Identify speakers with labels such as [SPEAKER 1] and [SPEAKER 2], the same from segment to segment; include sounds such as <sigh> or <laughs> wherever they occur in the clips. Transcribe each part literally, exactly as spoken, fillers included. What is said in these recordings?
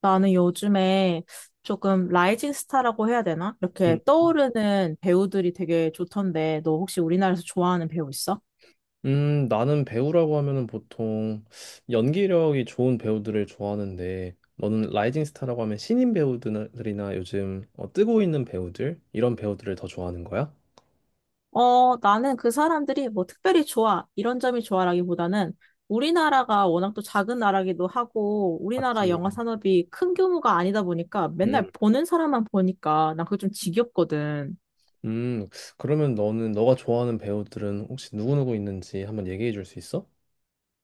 [SPEAKER 1] 나는 요즘에 조금 라이징 스타라고 해야 되나? 이렇게
[SPEAKER 2] 음,
[SPEAKER 1] 떠오르는 배우들이 되게 좋던데, 너 혹시 우리나라에서 좋아하는 배우 있어?
[SPEAKER 2] 음, 나는 배우라고 하면은 보통 연기력이 좋은 배우들을 좋아하는데, 너는 라이징 스타라고 하면 신인 배우들이나 요즘 어, 뜨고 있는 배우들, 이런 배우들을 더 좋아하는 거야?
[SPEAKER 1] 어, 나는 그 사람들이 뭐 특별히 좋아, 이런 점이 좋아라기보다는 우리나라가 워낙 또 작은 나라기도 하고, 우리나라
[SPEAKER 2] 맞지.
[SPEAKER 1] 영화 산업이 큰 규모가 아니다 보니까 맨날
[SPEAKER 2] 음.
[SPEAKER 1] 보는 사람만 보니까 난 그게 좀 지겹거든.
[SPEAKER 2] 음, 그러면 너는, 너가 좋아하는 배우들은 혹시 누구누구 있는지 한번 얘기해 줄 수 있어?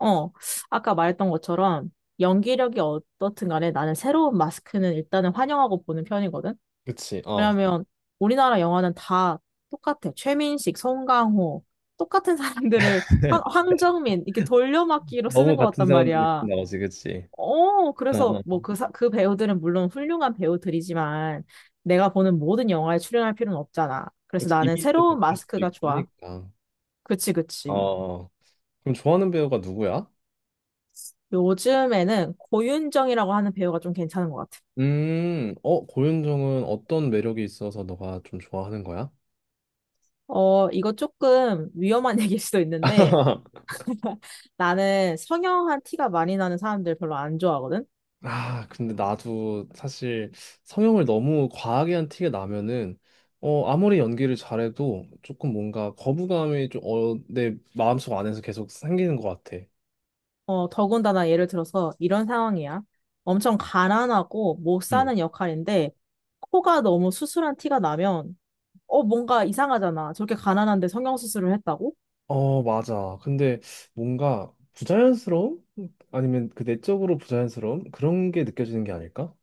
[SPEAKER 1] 어, 아까 말했던 것처럼 연기력이 어떻든 간에 나는 새로운 마스크는 일단은 환영하고 보는 편이거든.
[SPEAKER 2] 그치, 어.
[SPEAKER 1] 왜냐면 우리나라 영화는 다 똑같아. 최민식, 송강호, 똑같은 사람들을 황,
[SPEAKER 2] <laughs>
[SPEAKER 1] 황정민 이렇게 돌려막기로
[SPEAKER 2] 너무
[SPEAKER 1] 쓰는 것
[SPEAKER 2] 같은
[SPEAKER 1] 같단
[SPEAKER 2] 사람들이
[SPEAKER 1] 말이야.
[SPEAKER 2] 나오지, 그치?
[SPEAKER 1] 어,
[SPEAKER 2] 어,
[SPEAKER 1] 그래서
[SPEAKER 2] 어.
[SPEAKER 1] 뭐 그 사- 그 배우들은 물론 훌륭한 배우들이지만 내가 보는 모든 영화에 출연할 필요는 없잖아. 그래서
[SPEAKER 2] 그치,
[SPEAKER 1] 나는
[SPEAKER 2] 이미지도
[SPEAKER 1] 새로운
[SPEAKER 2] 같을 수도
[SPEAKER 1] 마스크가
[SPEAKER 2] 있고
[SPEAKER 1] 좋아.
[SPEAKER 2] 하니까.
[SPEAKER 1] 그치, 그치.
[SPEAKER 2] 어, 그럼 좋아하는 배우가 누구야?
[SPEAKER 1] 요즘에는 고윤정이라고 하는 배우가 좀 괜찮은 것 같아.
[SPEAKER 2] 음, 어, 고윤정은 어떤 매력이 있어서 너가 좀 좋아하는 거야?
[SPEAKER 1] 어, 이거 조금 위험한 <laughs> 얘기일 수도 있는데
[SPEAKER 2] <laughs>
[SPEAKER 1] 나는 성형한 티가 많이 나는 사람들 별로 안 좋아하거든.
[SPEAKER 2] 아, 근데 나도 사실 성형을 너무 과하게 한 티가 나면은 어, 아무리 연기를 잘해도 조금 뭔가 거부감이 좀 어, 내 마음속 안에서 계속 생기는 것 같아.
[SPEAKER 1] 어, 더군다나 예를 들어서 이런 상황이야. 엄청 가난하고 못
[SPEAKER 2] 음.
[SPEAKER 1] 사는 역할인데 코가 너무 수술한 티가 나면 어, 뭔가 이상하잖아. 저렇게 가난한데 성형수술을 했다고?
[SPEAKER 2] 어, 맞아. 근데 뭔가 부자연스러움? 아니면 그 내적으로 부자연스러움? 그런 게 느껴지는 게 아닐까?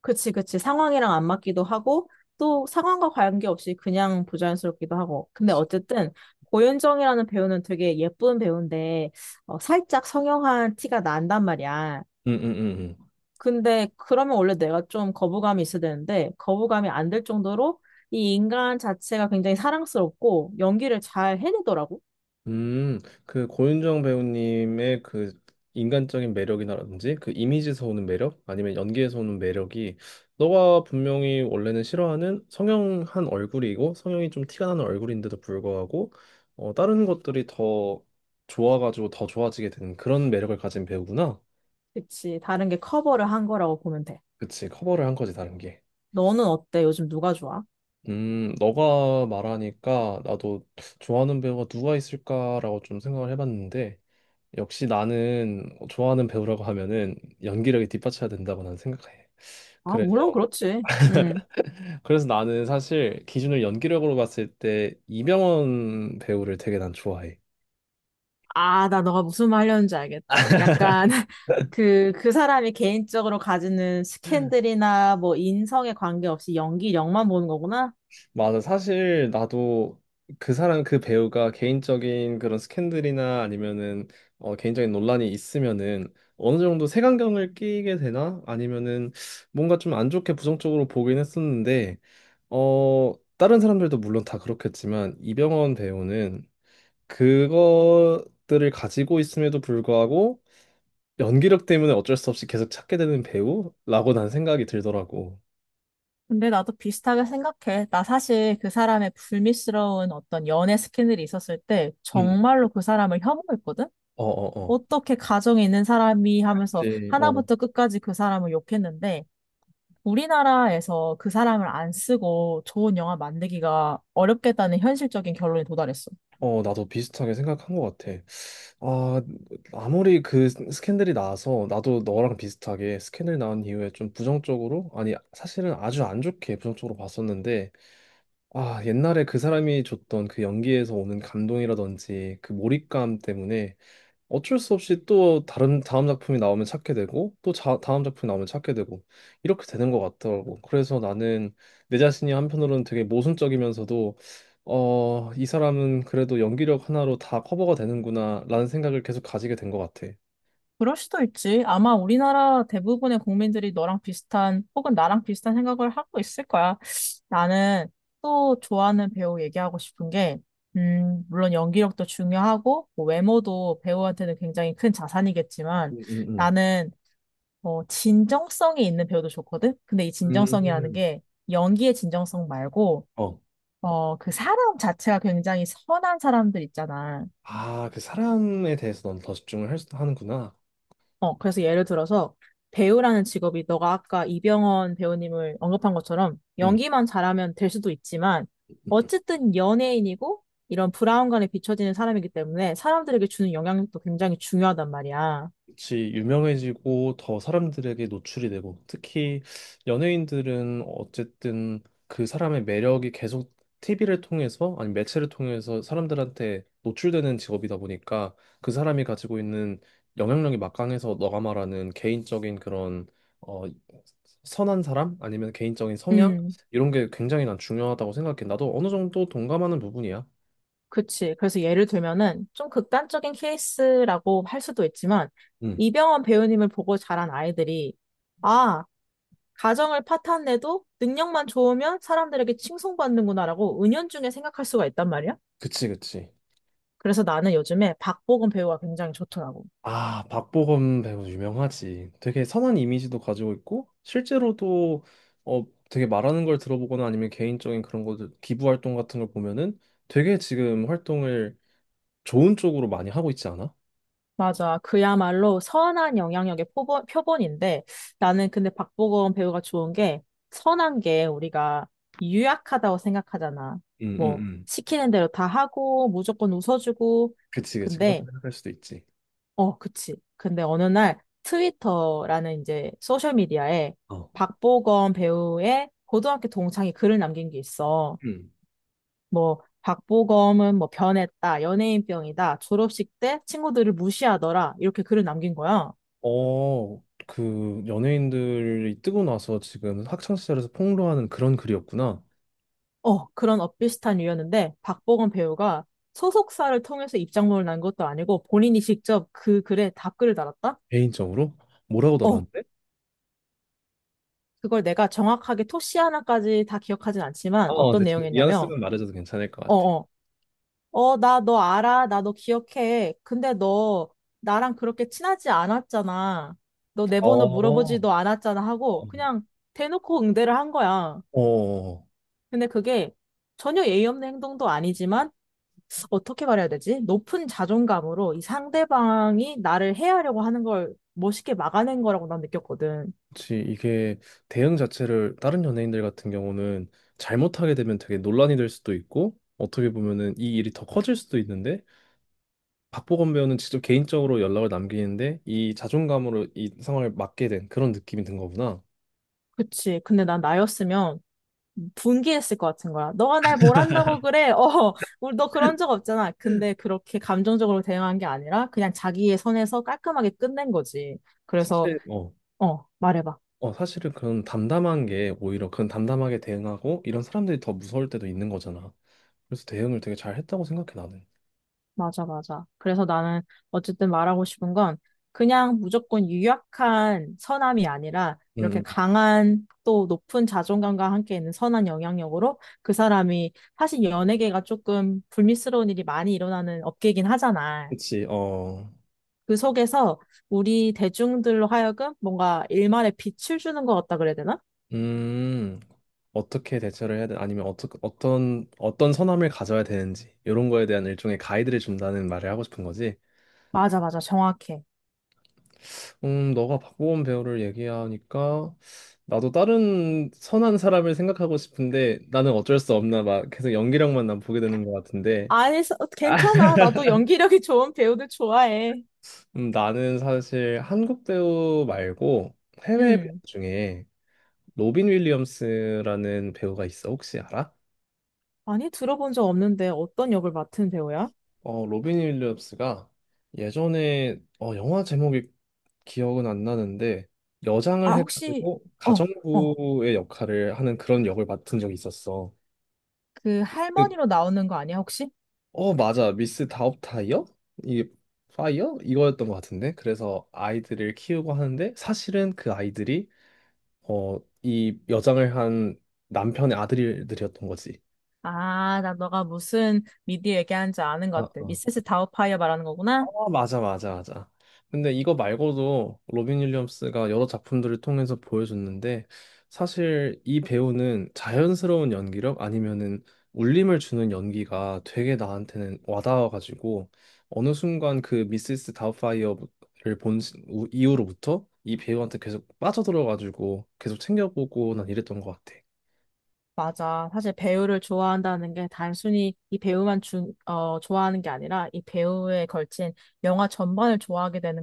[SPEAKER 1] 그치, 그치. 상황이랑 안 맞기도 하고 또 상황과 관계없이 그냥 부자연스럽기도 하고. 근데 어쨌든 고윤정이라는 배우는 되게 예쁜 배우인데 어, 살짝 성형한 티가 난단 말이야.
[SPEAKER 2] 응, 응, 응.
[SPEAKER 1] 근데 그러면 원래 내가 좀 거부감이 있어야 되는데 거부감이 안 될 정도로 이 인간 자체가 굉장히 사랑스럽고 연기를 잘 해내더라고.
[SPEAKER 2] 음, 그 고윤정 배우님의 그 인간적인 매력이라든지 그 이미지에서 오는 매력 아니면 연기에서 오는 매력이 너가 분명히 원래는 싫어하는 성형한 얼굴이고 성형이 좀 티가 나는 얼굴인데도 불구하고 어, 다른 것들이 더 좋아가지고 더 좋아지게 되는 그런 매력을 가진 배우구나.
[SPEAKER 1] 그치. 다른 게 커버를 한 거라고 보면 돼.
[SPEAKER 2] 그치, 커버를 한 거지 다른 게.
[SPEAKER 1] 너는 어때? 요즘 누가 좋아?
[SPEAKER 2] 음, 너가 말하니까 나도 좋아하는 배우가 누가 있을까라고 좀 생각을 해봤는데 역시 나는 좋아하는 배우라고 하면은 연기력이 뒷받쳐야 된다고 난 생각해.
[SPEAKER 1] 아, 물론
[SPEAKER 2] 그래서
[SPEAKER 1] 그렇지. 음.
[SPEAKER 2] 그래서 나는 사실 기준을 연기력으로 봤을 때 이병헌 배우를 되게 난 좋아해.
[SPEAKER 1] 아, 나 너가 무슨 말 하려는지 알겠다. 약간 <laughs> 그, 그 사람이 개인적으로 가지는 스캔들이나 뭐 인성에 관계없이 연기력만 보는 거구나.
[SPEAKER 2] 맞아. 사실 나도 그 사람 그 배우가 개인적인 그런 스캔들이나 아니면은 어, 개인적인 논란이 있으면은 어느 정도 색안경을 끼게 되나 아니면은 뭔가 좀 안 좋게 부정적으로 보긴 했었는데 어 다른 사람들도 물론 다 그렇겠지만 이병헌 배우는 그것들을 가지고 있음에도 불구하고 연기력 때문에 어쩔 수 없이 계속 찾게 되는 배우라고 난 생각이 들더라고.
[SPEAKER 1] 근데 나도 비슷하게 생각해. 나 사실 그 사람의 불미스러운 어떤 연애 스캔들이 있었을 때
[SPEAKER 2] 음,
[SPEAKER 1] 정말로 그 사람을 혐오했거든?
[SPEAKER 2] 어, 어, 어.
[SPEAKER 1] 어떻게 가정에 있는 사람이 하면서
[SPEAKER 2] 이 어,
[SPEAKER 1] 하나부터 끝까지 그 사람을 욕했는데 우리나라에서 그 사람을 안 쓰고 좋은 영화 만들기가 어렵겠다는 현실적인 결론에 도달했어.
[SPEAKER 2] 어, 나도 비슷하게 생각한 것 같아. 아, 아무리 그 스캔들이 나서 나도 너랑 비슷하게 스캔들 나온 이후에 좀 부정적으로, 아니, 사실은 아주 안 좋게 부정적으로 봤었는데, 아, 옛날에 그 사람이 줬던 그 연기에서 오는 감동이라든지 그 몰입감 때문에 어쩔 수 없이 또 다른 다음 작품이 나오면 찾게 되고 또 자, 다음 작품이 나오면 찾게 되고 이렇게 되는 것 같더라고. 그래서 나는 내 자신이 한편으로는 되게 모순적이면서도 어, 이 사람은 그래도 연기력 하나로 다 커버가 되는구나라는 생각을 계속 가지게 된 것 같아.
[SPEAKER 1] 그럴 수도 있지. 아마 우리나라 대부분의 국민들이 너랑 비슷한 혹은 나랑 비슷한 생각을 하고 있을 거야. 나는 또 좋아하는 배우 얘기하고 싶은 게, 음, 물론 연기력도 중요하고, 뭐 외모도 배우한테는 굉장히 큰 자산이겠지만,
[SPEAKER 2] 음, 음, 음.
[SPEAKER 1] 나는, 어, 진정성이 있는 배우도 좋거든? 근데 이 진정성이라는
[SPEAKER 2] 음.
[SPEAKER 1] 게, 연기의 진정성 말고,
[SPEAKER 2] 어,
[SPEAKER 1] 어, 그 사람 자체가 굉장히 선한 사람들 있잖아.
[SPEAKER 2] 아, 그 사람에 대해서 넌 더 집중을 할, 수- 하는구나.
[SPEAKER 1] 어, 그래서 예를 들어서 배우라는 직업이 너가 아까 이병헌 배우님을 언급한 것처럼
[SPEAKER 2] 음.
[SPEAKER 1] 연기만 잘하면 될 수도 있지만 어쨌든 연예인이고 이런 브라운관에 비춰지는 사람이기 때문에 사람들에게 주는 영향력도 굉장히 중요하단 말이야.
[SPEAKER 2] 같이 유명해지고 더 사람들에게 노출이 되고 특히 연예인들은 어쨌든 그 사람의 매력이 계속 티비를 통해서 아니 매체를 통해서 사람들한테 노출되는 직업이다 보니까 그 사람이 가지고 있는 영향력이 막강해서 너가 말하는 개인적인 그런 어 선한 사람 아니면 개인적인 성향
[SPEAKER 1] 음,
[SPEAKER 2] 이런 게 굉장히 난 중요하다고 생각해. 나도 어느 정도 동감하는 부분이야.
[SPEAKER 1] 그치. 그래서 예를 들면은 좀 극단적인 케이스라고 할 수도 있지만
[SPEAKER 2] 음,
[SPEAKER 1] 이병헌 배우님을 보고 자란 아이들이 아, 가정을 파탄 내도 능력만 좋으면 사람들에게 칭송받는구나라고 은연중에 생각할 수가 있단 말이야.
[SPEAKER 2] 그치, 그치.
[SPEAKER 1] 그래서 나는 요즘에 박보검 배우가 굉장히 좋더라고.
[SPEAKER 2] 아, 박보검 배우 유명하지. 되게 선한 이미지도 가지고 있고, 실제로도 어, 되게 말하는 걸 들어보거나 아니면 개인적인 그런 것들, 기부 활동 같은 걸 보면은 되게 지금 활동을 좋은 쪽으로 많이 하고 있지 않아?
[SPEAKER 1] 맞아. 그야말로 선한 영향력의 표본, 표본인데 나는 근데 박보검 배우가 좋은 게 선한 게 우리가 유약하다고 생각하잖아.
[SPEAKER 2] 응, 응,
[SPEAKER 1] 뭐
[SPEAKER 2] 응.
[SPEAKER 1] 시키는 대로 다 하고 무조건 웃어주고
[SPEAKER 2] 그치, 그치. 그렇게
[SPEAKER 1] 근데
[SPEAKER 2] 생각할 수도 있지.
[SPEAKER 1] 어 그치. 근데 어느 날 트위터라는 이제 소셜 미디어에
[SPEAKER 2] 어.
[SPEAKER 1] 박보검 배우의 고등학교 동창이 글을 남긴 게 있어.
[SPEAKER 2] 음.
[SPEAKER 1] 뭐 박보검은 뭐 변했다, 연예인병이다, 졸업식 때 친구들을 무시하더라 이렇게 글을 남긴 거야.
[SPEAKER 2] 어, 그 연예인들이 뜨고 나서 지금 학창시절에서 폭로하는 그런 글이었구나.
[SPEAKER 1] 어, 그런 엇비슷한 이유였는데 박보검 배우가 소속사를 통해서 입장문을 난 것도 아니고 본인이 직접 그 글에 답글을 달았다?
[SPEAKER 2] 개인적으로? 뭐라고
[SPEAKER 1] 어,
[SPEAKER 2] 달았는데?
[SPEAKER 1] 그걸 내가 정확하게 토씨 하나까지 다 기억하진 않지만
[SPEAKER 2] 어,
[SPEAKER 1] 어떤
[SPEAKER 2] 대충
[SPEAKER 1] 내용이었냐면
[SPEAKER 2] 뉘앙스만 말해줘도 괜찮을 것 같아.
[SPEAKER 1] 어어 어, 나 너 알아. 나 너 기억해. 근데 너 나랑 그렇게 친하지 않았잖아. 너 내 번호
[SPEAKER 2] 어.
[SPEAKER 1] 물어보지도 않았잖아 하고 그냥 대놓고 응대를 한 거야.
[SPEAKER 2] 어,
[SPEAKER 1] 근데 그게 전혀 예의 없는 행동도 아니지만 어떻게 말해야 되지? 높은 자존감으로 이 상대방이 나를 해하려고 하는 걸 멋있게 막아낸 거라고 난 느꼈거든.
[SPEAKER 2] 그치. 이게 대응 자체를 다른 연예인들 같은 경우는 잘못하게 되면 되게 논란이 될 수도 있고, 어떻게 보면은 이 일이 더 커질 수도 있는데, 박보검 배우는 직접 개인적으로 연락을 남기는데, 이 자존감으로 이 상황을 맞게 된 그런 느낌이 든 거구나.
[SPEAKER 1] 그치. 근데 난 나였으면 분개했을 것 같은 거야. 너가 날 뭘 한다고 그래? <laughs> 어, 우리 너 그런 적 없잖아. 근데 그렇게 감정적으로 대응한 게 아니라 그냥 자기의 선에서 깔끔하게 끝낸 거지. 그래서,
[SPEAKER 2] 사실, 어,
[SPEAKER 1] 어, 말해봐.
[SPEAKER 2] 어, 사실은 그런 담담한 게 오히려 그런 담담하게 대응하고, 이런 사람들이 더 무서울 때도 있는 거잖아. 그래서 대응을 되게 잘 했다고 생각해, 나는.
[SPEAKER 1] 맞아, 맞아. 그래서 나는 어쨌든 말하고 싶은 건 그냥 무조건 유약한 선함이 아니라 이렇게
[SPEAKER 2] 음,
[SPEAKER 1] 강한 또 높은 자존감과 함께 있는 선한 영향력으로 그 사람이 사실 연예계가 조금 불미스러운 일이 많이 일어나는 업계이긴 하잖아.
[SPEAKER 2] 그치. 어.
[SPEAKER 1] 그 속에서 우리 대중들로 하여금 뭔가 일말의 빛을 주는 것 같다 그래야 되나?
[SPEAKER 2] 음, 어떻게 대처를 해야 돼? 아니면 어떻, 어떤, 어떤 선함을 가져야 되는지, 이런 거에 대한 일종의 가이드를 준다는 말을 하고 싶은 거지.
[SPEAKER 1] 맞아, 맞아. 정확해.
[SPEAKER 2] 음, 너가 박보검 배우를 얘기하니까, 나도 다른 선한 사람을 생각하고 싶은데, 나는 어쩔 수 없나, 막 계속 연기력만 난 보게 되는 것 같은데.
[SPEAKER 1] 아니, 서-
[SPEAKER 2] 아,
[SPEAKER 1] 괜찮아. 나도 연기력이 좋은 배우들 좋아해.
[SPEAKER 2] 음, 나는 사실 한국 배우 말고 해외 배우
[SPEAKER 1] 음.
[SPEAKER 2] 중에 로빈 윌리엄스라는 배우가 있어. 혹시 알아?
[SPEAKER 1] 아니, 들어본 적 없는데 어떤 역을 맡은 배우야?
[SPEAKER 2] 어, 로빈 윌리엄스가 예전에 어, 영화 제목이 기억은 안 나는데
[SPEAKER 1] 아,
[SPEAKER 2] 여장을
[SPEAKER 1] 혹시,
[SPEAKER 2] 해가지고
[SPEAKER 1] 어, 어.
[SPEAKER 2] 가정부의 역할을 하는 그런 역을 맡은 적이 있었어.
[SPEAKER 1] 그
[SPEAKER 2] 그-
[SPEAKER 1] 할머니로 나오는 거 아니야, 혹시?
[SPEAKER 2] 어, 맞아. 미스 다업타이어? 이게 파이어? 이거였던 것 같은데. 그래서 아이들을 키우고 하는데 사실은 그 아이들이 어, 이 여장을 한 남편의 아들들이었던 거지.
[SPEAKER 1] 아, 나 너가 무슨 미디 얘기하는지 아는 것 같아. 미세스 다우파이어 말하는
[SPEAKER 2] 아,
[SPEAKER 1] 거구나?
[SPEAKER 2] 맞아, 맞아, 맞아. 근데 이거 말고도 로빈 윌리엄스가 여러 작품들을 통해서 보여줬는데 사실 이 배우는 자연스러운 연기력 아니면은 울림을 주는 연기가 되게 나한테는 와닿아가지고 어느 순간 그 미시스 다우파이어를 본 시- 우- 이후로부터 이 배우한테 계속 빠져들어가지고 계속 챙겨보고 난 이랬던 것 같아.
[SPEAKER 1] 맞아. 사실 배우를 좋아한다는 게 단순히 이 배우만 주, 어, 좋아하는 게 아니라 이 배우에 걸친 영화 전반을 좋아하게 되는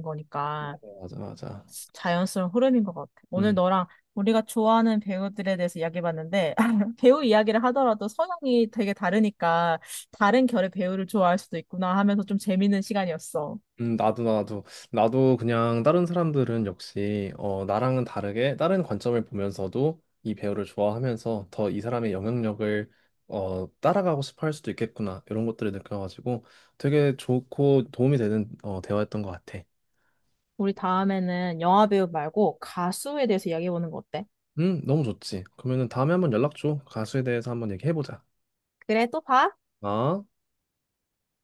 [SPEAKER 2] 맞아,
[SPEAKER 1] 거니까
[SPEAKER 2] 맞아, 맞아.
[SPEAKER 1] 자연스러운 흐름인 것 같아. 오늘 너랑 우리가 좋아하는 배우들에 대해서 이야기해봤는데 <laughs> 배우 이야기를 하더라도 성향이 되게 다르니까 다른 결의 배우를 좋아할 수도 있구나 하면서 좀 재밌는 시간이었어.
[SPEAKER 2] 음, 나도, 나도, 나도 그냥 다른 사람들은 역시, 어, 나랑은 다르게 다른 관점을 보면서도 이 배우를 좋아하면서 더 이 사람의 영향력을, 어, 따라가고 싶어 할 수도 있겠구나. 이런 것들을 느껴가지고 되게 좋고 도움이 되는, 어, 대화였던 것 같아.
[SPEAKER 1] 우리 다음에는 영화 배우 말고 가수에 대해서 이야기해보는 거 어때?
[SPEAKER 2] 음, 너무 좋지. 그러면은 다음에 한번 연락 줘. 가수에 대해서 한번 얘기해보자.
[SPEAKER 1] 그래, 또 봐.
[SPEAKER 2] 아.